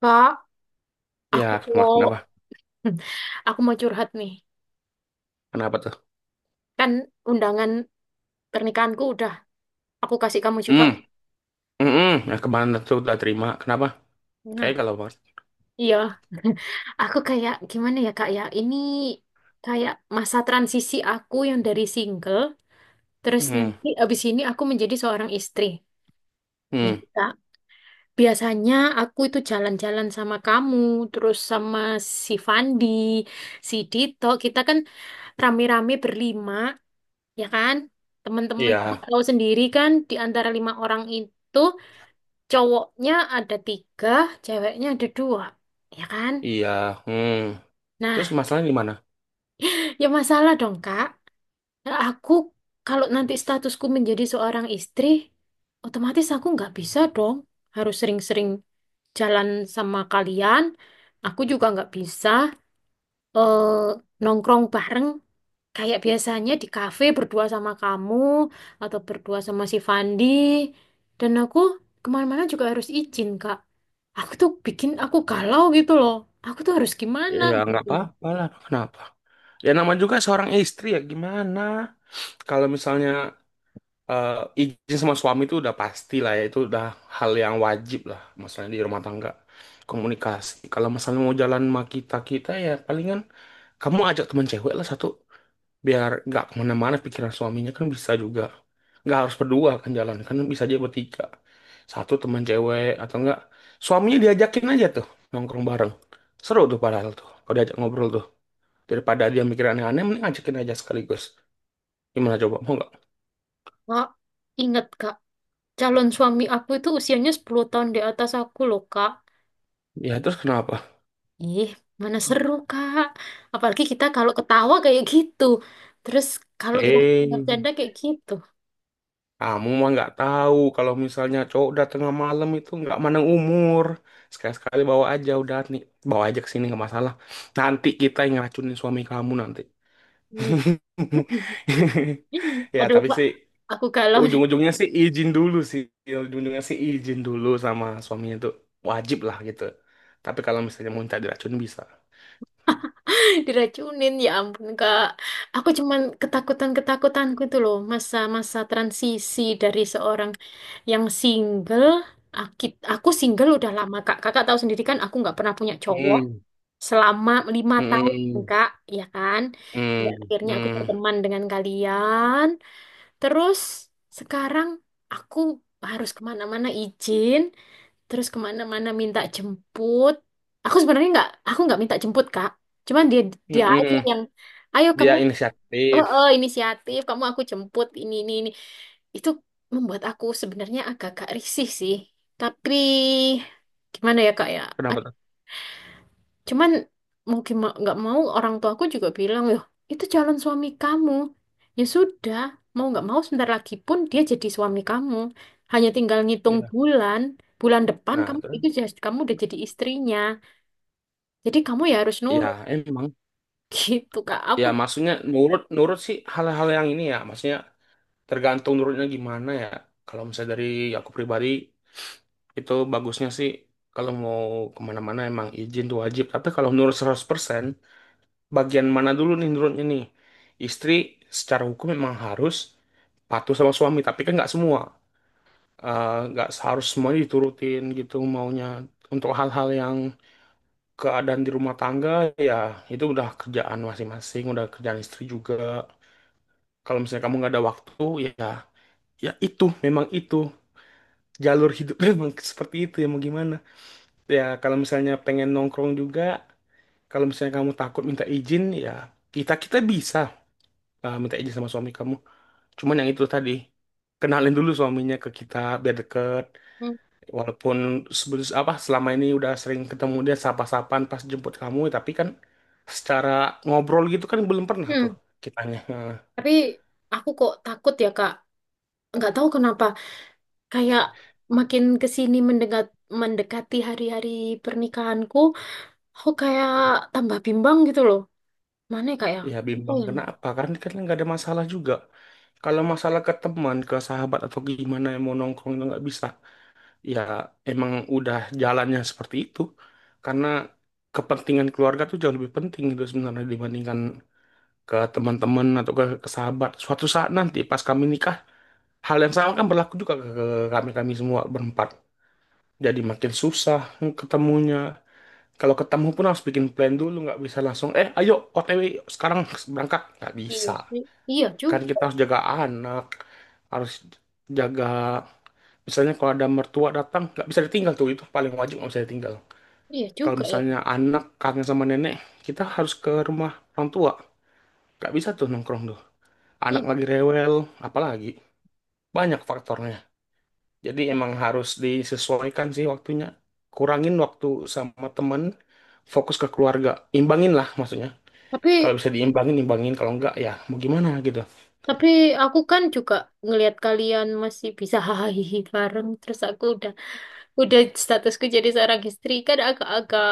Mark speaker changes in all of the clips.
Speaker 1: Kak,
Speaker 2: Ya,
Speaker 1: aku
Speaker 2: kenapa?
Speaker 1: mau
Speaker 2: Kenapa
Speaker 1: aku mau curhat nih.
Speaker 2: Kenapa tuh?
Speaker 1: Kan undangan pernikahanku udah aku kasih kamu juga.
Speaker 2: Hmm, hmm, hmm. Nah, kemarin tuh udah terima. Kenapa? Kayak
Speaker 1: Nah,
Speaker 2: kalau mas.
Speaker 1: iya. Aku kayak gimana ya, Kak ya? Ini kayak masa transisi aku yang dari single terus
Speaker 2: Hmm,
Speaker 1: nanti abis ini aku menjadi seorang istri.
Speaker 2: hmm.
Speaker 1: Gitu, Kak. Biasanya aku itu jalan-jalan sama kamu, terus sama si Fandi, si Dito. Kita kan rame-rame berlima, ya kan? Teman-teman kamu
Speaker 2: Iya,
Speaker 1: tahu sendiri kan di antara lima orang itu cowoknya ada tiga, ceweknya ada dua, ya kan?
Speaker 2: iya, hmm. Terus
Speaker 1: Nah,
Speaker 2: masalahnya di mana?
Speaker 1: ya masalah dong, Kak. Nah, aku kalau nanti statusku menjadi seorang istri, otomatis aku nggak bisa dong. Harus sering-sering jalan sama kalian. Aku juga nggak bisa, eh, nongkrong bareng kayak biasanya di kafe berdua sama kamu atau berdua sama si Fandi. Dan aku kemana-mana juga harus izin, Kak. Aku tuh bikin aku galau gitu loh. Aku tuh harus gimana,
Speaker 2: Ya, nggak
Speaker 1: gitu.
Speaker 2: apa-apa lah. Kenapa? Ya, nama juga seorang istri ya gimana? Kalau misalnya eh, izin sama suami itu udah pasti lah ya. Itu udah hal yang wajib lah. Masalahnya di rumah tangga. Komunikasi. Kalau misalnya mau jalan sama kita-kita ya palingan kamu ajak teman cewek lah satu, biar nggak kemana-mana pikiran suaminya. Kan bisa juga nggak harus berdua, kan jalan kan bisa aja bertiga, satu teman cewek. Atau enggak suaminya diajakin aja tuh nongkrong bareng, seru tuh padahal tuh kalau diajak ngobrol tuh. Daripada dia mikir aneh-aneh mending ajakin aja sekaligus. Gimana coba, mau nggak?
Speaker 1: Kak, ingat Kak, calon suami aku itu usianya 10 tahun di atas aku loh, Kak.
Speaker 2: Ya terus kenapa,
Speaker 1: Ih, mana seru, Kak. Apalagi kita kalau ketawa kayak gitu. Terus kalau kita
Speaker 2: eh
Speaker 1: bercanda kayak gitu.
Speaker 2: kamu mah nggak tahu kalau misalnya cowok udah tengah malam itu nggak mandang umur. Sekali-sekali bawa aja udah nih, bawa aja ke sini nggak masalah, nanti kita yang ngeracunin suami kamu nanti.
Speaker 1: Ih.
Speaker 2: Ya,
Speaker 1: Aduh,
Speaker 2: tapi
Speaker 1: Pak.
Speaker 2: sih
Speaker 1: Aku galau.
Speaker 2: ujung-ujungnya sih izin dulu sih. Ujung-ujungnya sih izin dulu sama suaminya tuh wajib lah gitu. Tapi kalau misalnya mau minta diracun bisa.
Speaker 1: Diracunin ya ampun, Kak. Aku cuman ketakutan-ketakutanku itu loh, masa-masa transisi dari seorang yang single. Aki- Aku single udah lama, Kak. Kakak tahu sendiri kan aku nggak pernah punya cowok
Speaker 2: Hmm.
Speaker 1: selama 5 tahun,
Speaker 2: Hmm.
Speaker 1: Kak, ya kan?
Speaker 2: Hmm.
Speaker 1: Nggak, akhirnya aku
Speaker 2: Hmm.
Speaker 1: berteman dengan kalian. Terus sekarang aku harus kemana-mana izin, terus kemana-mana minta jemput. Aku sebenarnya nggak, aku nggak minta jemput, Kak. Cuman dia dia aja
Speaker 2: Hmm.
Speaker 1: yang, ayo
Speaker 2: Dia
Speaker 1: kamu, eh
Speaker 2: inisiatif.
Speaker 1: eh, inisiatif, kamu aku jemput ini ini. Itu membuat aku sebenarnya agak-agak risih sih. Tapi gimana ya Kak ya?
Speaker 2: Kenapa tuh?
Speaker 1: Cuman mungkin nggak mau orang tuaku juga bilang, loh, itu calon suami kamu. Ya sudah, mau nggak mau sebentar lagi pun dia jadi suami kamu. Hanya tinggal ngitung
Speaker 2: Ya.
Speaker 1: bulan, bulan depan
Speaker 2: Nah,
Speaker 1: kamu
Speaker 2: terus
Speaker 1: itu kamu udah jadi istrinya. Jadi kamu ya harus nurut
Speaker 2: ya emang.
Speaker 1: gitu, Kak.
Speaker 2: Ya maksudnya nurut nurut sih hal-hal yang ini ya. Maksudnya tergantung nurutnya gimana ya. Kalau misalnya dari aku pribadi, itu bagusnya sih kalau mau kemana-mana emang izin tuh wajib. Tapi kalau menurut 100% bagian mana dulu nih menurutnya nih? Istri secara hukum memang harus patuh sama suami, tapi kan nggak semua. Nggak harus semuanya diturutin gitu maunya. Untuk hal-hal yang keadaan di rumah tangga, ya itu udah kerjaan masing-masing, udah kerjaan istri juga. Kalau misalnya kamu nggak ada waktu, ya ya itu, memang itu. Jalur hidupnya memang seperti itu, ya mau gimana. Ya, kalau misalnya pengen nongkrong juga, kalau misalnya kamu takut minta izin, ya kita kita bisa minta izin sama suami kamu. Cuman yang itu tadi, kenalin dulu suaminya ke kita biar deket.
Speaker 1: Hmm.
Speaker 2: Walaupun sebelum apa selama ini udah sering ketemu dia sapa-sapan pas jemput kamu, tapi kan secara ngobrol gitu kan belum pernah tuh
Speaker 1: hmm,
Speaker 2: kitanya. Nah,
Speaker 1: tapi aku kok takut ya, Kak. Nggak tahu kenapa. Kayak makin kesini sini mendekati hari-hari pernikahanku, aku kayak tambah bimbang gitu loh. Mana ya, Kak ya?
Speaker 2: ya
Speaker 1: Apa
Speaker 2: bimbang
Speaker 1: ya?
Speaker 2: kenapa? Karena kan nggak ada masalah juga. Kalau masalah ke teman, ke sahabat atau gimana yang mau nongkrong itu nggak bisa. Ya emang udah jalannya seperti itu karena kepentingan keluarga tuh jauh lebih penting gitu sebenarnya, dibandingkan ke teman-teman atau ke sahabat. Suatu saat nanti pas kami nikah hal yang sama kan berlaku juga ke, kami kami semua berempat. Jadi makin susah ketemunya, kalau ketemu pun harus bikin plan dulu. Nggak bisa langsung ayo OTW sekarang berangkat, nggak
Speaker 1: Iya
Speaker 2: bisa.
Speaker 1: sih. Iya
Speaker 2: Kan
Speaker 1: juga.
Speaker 2: kita harus jaga anak, harus jaga misalnya kalau ada mertua datang nggak bisa ditinggal tuh, itu paling wajib nggak bisa ditinggal.
Speaker 1: Iya
Speaker 2: Kalau
Speaker 1: juga ya, Kak.
Speaker 2: misalnya anak kangen sama nenek, kita harus ke rumah orang tua. Gak bisa tuh nongkrong tuh. Anak
Speaker 1: Iya.
Speaker 2: lagi rewel, apalagi. Banyak faktornya. Jadi emang harus disesuaikan sih waktunya. Kurangin waktu sama temen, fokus ke keluarga. Imbangin lah maksudnya. Kalau
Speaker 1: Tapi
Speaker 2: bisa diimbangin, imbangin. Kalau enggak, ya mau gimana gitu.
Speaker 1: tapi aku kan juga ngelihat kalian masih bisa hahaha bareng, terus aku udah statusku jadi seorang istri kan agak-agak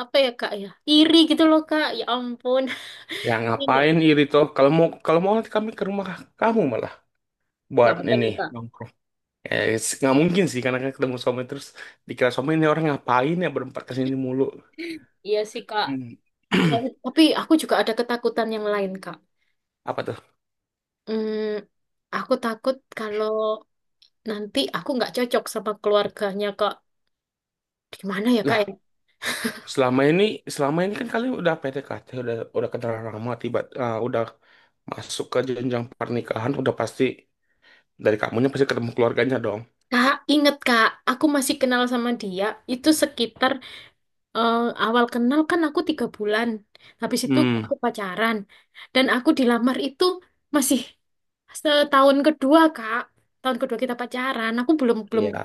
Speaker 1: apa ya Kak ya? Iri gitu loh, Kak. Ya ampun.
Speaker 2: Ya
Speaker 1: Ini
Speaker 2: ngapain iri toh? Kalau mau nanti kami ke rumah, kamu malah
Speaker 1: nggak
Speaker 2: buat
Speaker 1: apa-apa
Speaker 2: ini
Speaker 1: nih, Kak.
Speaker 2: nongkrong. Nggak mungkin sih karena kan ketemu suami terus dikira suami ini orang ngapain ya berempat kesini mulu.
Speaker 1: Iya sih, Kak.
Speaker 2: Hmm.
Speaker 1: Ya, tapi aku juga ada ketakutan yang lain, Kak.
Speaker 2: Apa tuh?
Speaker 1: Hmm, aku takut kalau nanti aku nggak cocok sama keluarganya, Kak. Gimana ya, Kak ya?
Speaker 2: Lah, selama ini selama ini kan kalian udah PDKT, udah kenal lama, udah masuk ke jenjang pernikahan, udah pasti dari kamunya pasti ketemu keluarganya dong.
Speaker 1: Kak, inget Kak, aku masih kenal sama dia. Itu sekitar, eh, awal kenal kan aku 3 bulan. Habis itu
Speaker 2: Hmm,
Speaker 1: aku pacaran. Dan aku dilamar itu masih setahun kedua, Kak. Tahun kedua kita pacaran. Aku belum belum
Speaker 2: iya,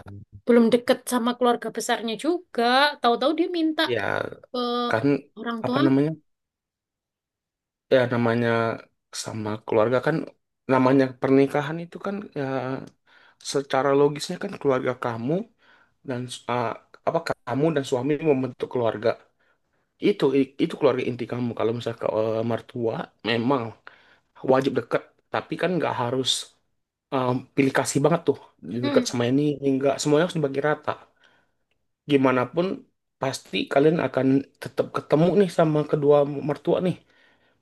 Speaker 1: belum deket sama keluarga besarnya juga. Tahu-tahu dia minta
Speaker 2: iya
Speaker 1: ke
Speaker 2: kan
Speaker 1: orang
Speaker 2: apa
Speaker 1: tua.
Speaker 2: namanya? Ya namanya sama keluarga kan, namanya pernikahan itu kan ya secara logisnya kan keluarga kamu dan eh, apa, kamu dan suami membentuk keluarga. Itu itu keluarga inti kamu. Kalau misal ke mertua memang wajib deket, tapi kan nggak harus pilih kasih banget tuh deket
Speaker 1: Hmm.
Speaker 2: sama ini nggak semuanya harus dibagi rata. Gimana pun pasti kalian akan tetap ketemu nih sama kedua mertua nih.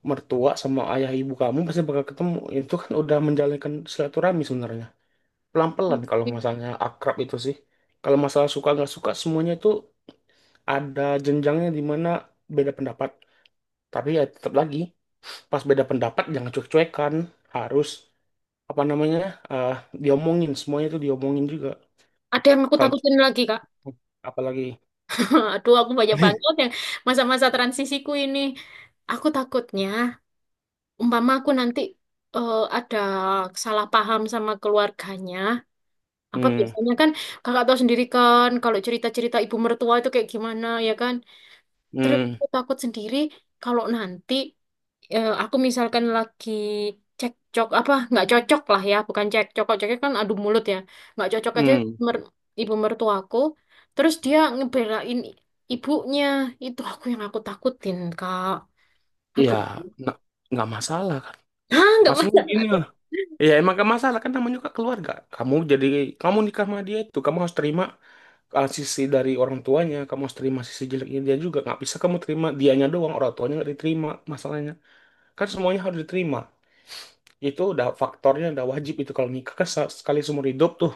Speaker 2: Mertua sama ayah ibu kamu pasti bakal ketemu. Itu kan udah menjalankan silaturahmi sebenarnya. Pelan-pelan kalau masalahnya akrab itu sih. Kalau masalah suka nggak suka semuanya itu ada jenjangnya di mana beda pendapat. Tapi ya tetap lagi pas beda pendapat jangan cuek-cuekan, harus apa namanya eh diomongin, semuanya itu diomongin juga
Speaker 1: Ada yang aku
Speaker 2: kalau
Speaker 1: takutin lagi, Kak.
Speaker 2: apalagi.
Speaker 1: Aduh, aku banyak banget yang masa-masa transisiku ini. Aku takutnya umpama aku nanti, eh, ada salah paham sama keluarganya, apa
Speaker 2: Hmm.
Speaker 1: biasanya kan kakak tahu sendiri kan kalau cerita-cerita ibu mertua itu kayak gimana ya kan. Terus
Speaker 2: Hmm.
Speaker 1: aku takut sendiri kalau nanti, eh, aku misalkan lagi cekcok apa nggak cocok lah ya, bukan cekcok, kalau cekcok kan adu mulut ya, nggak cocok aja
Speaker 2: Hmm.
Speaker 1: mer- ibu mertuaku. Terus dia ngebelain ibunya, itu aku yang aku takutin, kak.
Speaker 2: Ya
Speaker 1: Aduh,
Speaker 2: nggak nggak masalah kan?
Speaker 1: ah nggak
Speaker 2: Maksudnya gini
Speaker 1: masalah.
Speaker 2: lah, ya emang gak masalah kan, namanya juga keluarga kamu. Jadi kamu nikah sama dia itu kamu harus terima sisi dari orang tuanya, kamu harus terima sisi jeleknya dia juga. Nggak bisa kamu terima dianya doang, orang tuanya nggak diterima. Masalahnya kan semuanya harus diterima. Itu udah faktornya, udah wajib itu kalau nikah kan sekali seumur hidup tuh.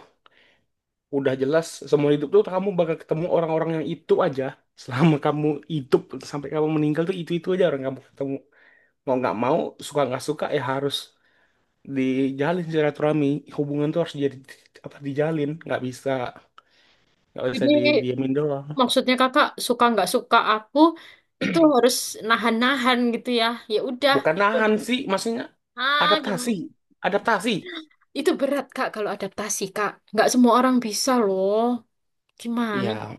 Speaker 2: Udah jelas seumur hidup tuh kamu bakal ketemu orang-orang yang itu aja, selama kamu hidup sampai kamu meninggal tuh itu aja orang kamu ketemu. Mau nggak mau, suka nggak suka ya harus dijalin silaturahmi. Hubungan tuh harus jadi, apa, dijalin. Nggak bisa
Speaker 1: Jadi
Speaker 2: didiemin doang.
Speaker 1: maksudnya kakak suka nggak suka aku itu harus nahan-nahan gitu ya. Ya udah
Speaker 2: Bukan
Speaker 1: gitu.
Speaker 2: nahan sih maksudnya,
Speaker 1: Ah,
Speaker 2: adaptasi,
Speaker 1: gimana?
Speaker 2: adaptasi.
Speaker 1: Itu berat Kak kalau adaptasi, Kak. Nggak semua orang bisa loh. Gimana?
Speaker 2: Ya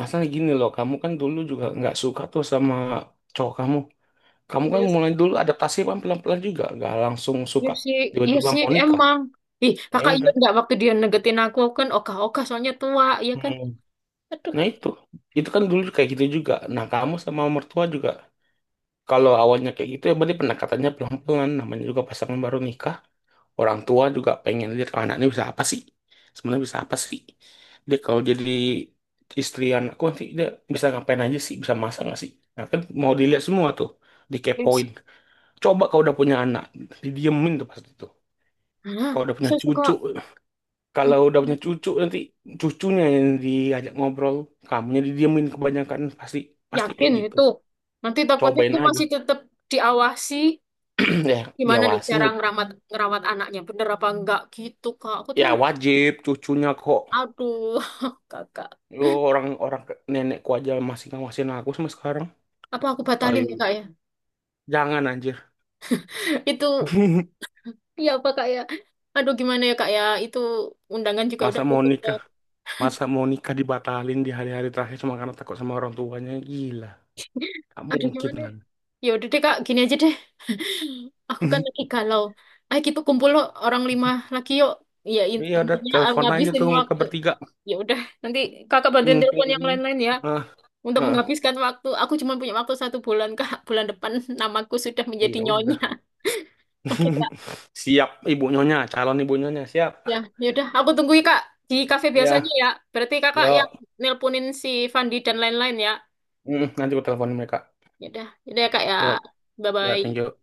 Speaker 2: masalah gini loh, kamu kan dulu juga nggak suka tuh sama cowok kamu. Kamu kan
Speaker 1: Iya,
Speaker 2: mulai dulu adaptasi kan pelan-pelan juga, nggak langsung
Speaker 1: iya
Speaker 2: suka.
Speaker 1: sih, iya
Speaker 2: Tiba-tiba
Speaker 1: sih
Speaker 2: mau nikah.
Speaker 1: emang. Ih,
Speaker 2: Ya
Speaker 1: kakak
Speaker 2: udah.
Speaker 1: ingat nggak waktu dia negetin aku kan ogah-ogah soalnya tua, ya kan?
Speaker 2: Hmm.
Speaker 1: Aduh,
Speaker 2: Nah itu kan dulu kayak gitu juga. Nah kamu sama mertua juga, kalau awalnya kayak gitu ya berarti pendekatannya pelan-pelan. Namanya juga pasangan baru nikah. Orang tua juga pengen lihat, oh, anaknya bisa apa sih. Sebenarnya bisa apa sih. Dia kalau jadi istri anakku nanti dia bisa ngapain aja sih, bisa masak nggak sih. Nah kan mau dilihat semua tuh,
Speaker 1: iya
Speaker 2: dikepoin.
Speaker 1: sih.
Speaker 2: Coba kalau udah punya anak, didiemin tuh pas itu.
Speaker 1: Nah,
Speaker 2: Kalau udah punya
Speaker 1: saya suka
Speaker 2: cucu, kalau udah
Speaker 1: mm,
Speaker 2: punya cucu nanti cucunya yang diajak ngobrol, kamunya didiemin kebanyakan pasti, pasti kayak
Speaker 1: yakin
Speaker 2: gitu.
Speaker 1: itu. Nanti takutnya
Speaker 2: Cobain
Speaker 1: aku
Speaker 2: aja.
Speaker 1: masih tetap diawasi.
Speaker 2: Ya,
Speaker 1: Gimana nih
Speaker 2: diawasin
Speaker 1: cara
Speaker 2: ya.
Speaker 1: ngerawat ngerawat anaknya? Bener apa enggak gitu, Kak? Aku tuh
Speaker 2: Ya wajib cucunya kok.
Speaker 1: aduh, Kakak.
Speaker 2: Yo, orang-orang nenekku aja masih ngawasin aku sama sekarang.
Speaker 1: Apa aku
Speaker 2: Ayo,
Speaker 1: batalin ya, Kak ya?
Speaker 2: jangan anjir.
Speaker 1: Itu ya apa, Kak ya? Aduh, gimana ya, Kak ya? Itu undangan juga
Speaker 2: Masa
Speaker 1: udah
Speaker 2: mau
Speaker 1: bocor.
Speaker 2: nikah, masa mau nikah dibatalin di hari-hari terakhir cuma karena takut sama orang tuanya. Gila, gak
Speaker 1: Aduh,
Speaker 2: mungkin
Speaker 1: gimana ya?
Speaker 2: kan.
Speaker 1: Ya udah deh, Kak, gini aja deh. Aku kan lagi galau. Ayo kita kumpul loh, orang lima lagi yuk. Ya
Speaker 2: Ya udah
Speaker 1: intinya, ah,
Speaker 2: telepon aja
Speaker 1: ngabisin
Speaker 2: tuh mereka
Speaker 1: waktu.
Speaker 2: bertiga
Speaker 1: Ya udah, nanti Kakak bantuin
Speaker 2: mumpung
Speaker 1: telepon yang
Speaker 2: ini.
Speaker 1: lain-lain ya.
Speaker 2: Ah,
Speaker 1: Untuk
Speaker 2: ah.
Speaker 1: menghabiskan waktu, aku cuma punya waktu 1 bulan, Kak. Bulan depan namaku sudah menjadi
Speaker 2: Iya
Speaker 1: nyonya.
Speaker 2: udah.
Speaker 1: Oke, Kak.
Speaker 2: Siap ibu nyonya, calon ibu nyonya siap.
Speaker 1: Ya, yaudah. Aku tunggu ya, Kak. Di kafe biasanya
Speaker 2: Ya,
Speaker 1: ya. Berarti kakak yang
Speaker 2: yuk.
Speaker 1: nelponin si Fandi dan lain-lain ya.
Speaker 2: Mm, nanti aku teleponin mereka.
Speaker 1: Yaudah, yaudah ya, Kak ya.
Speaker 2: Yuk, ya thank
Speaker 1: Bye-bye.
Speaker 2: you.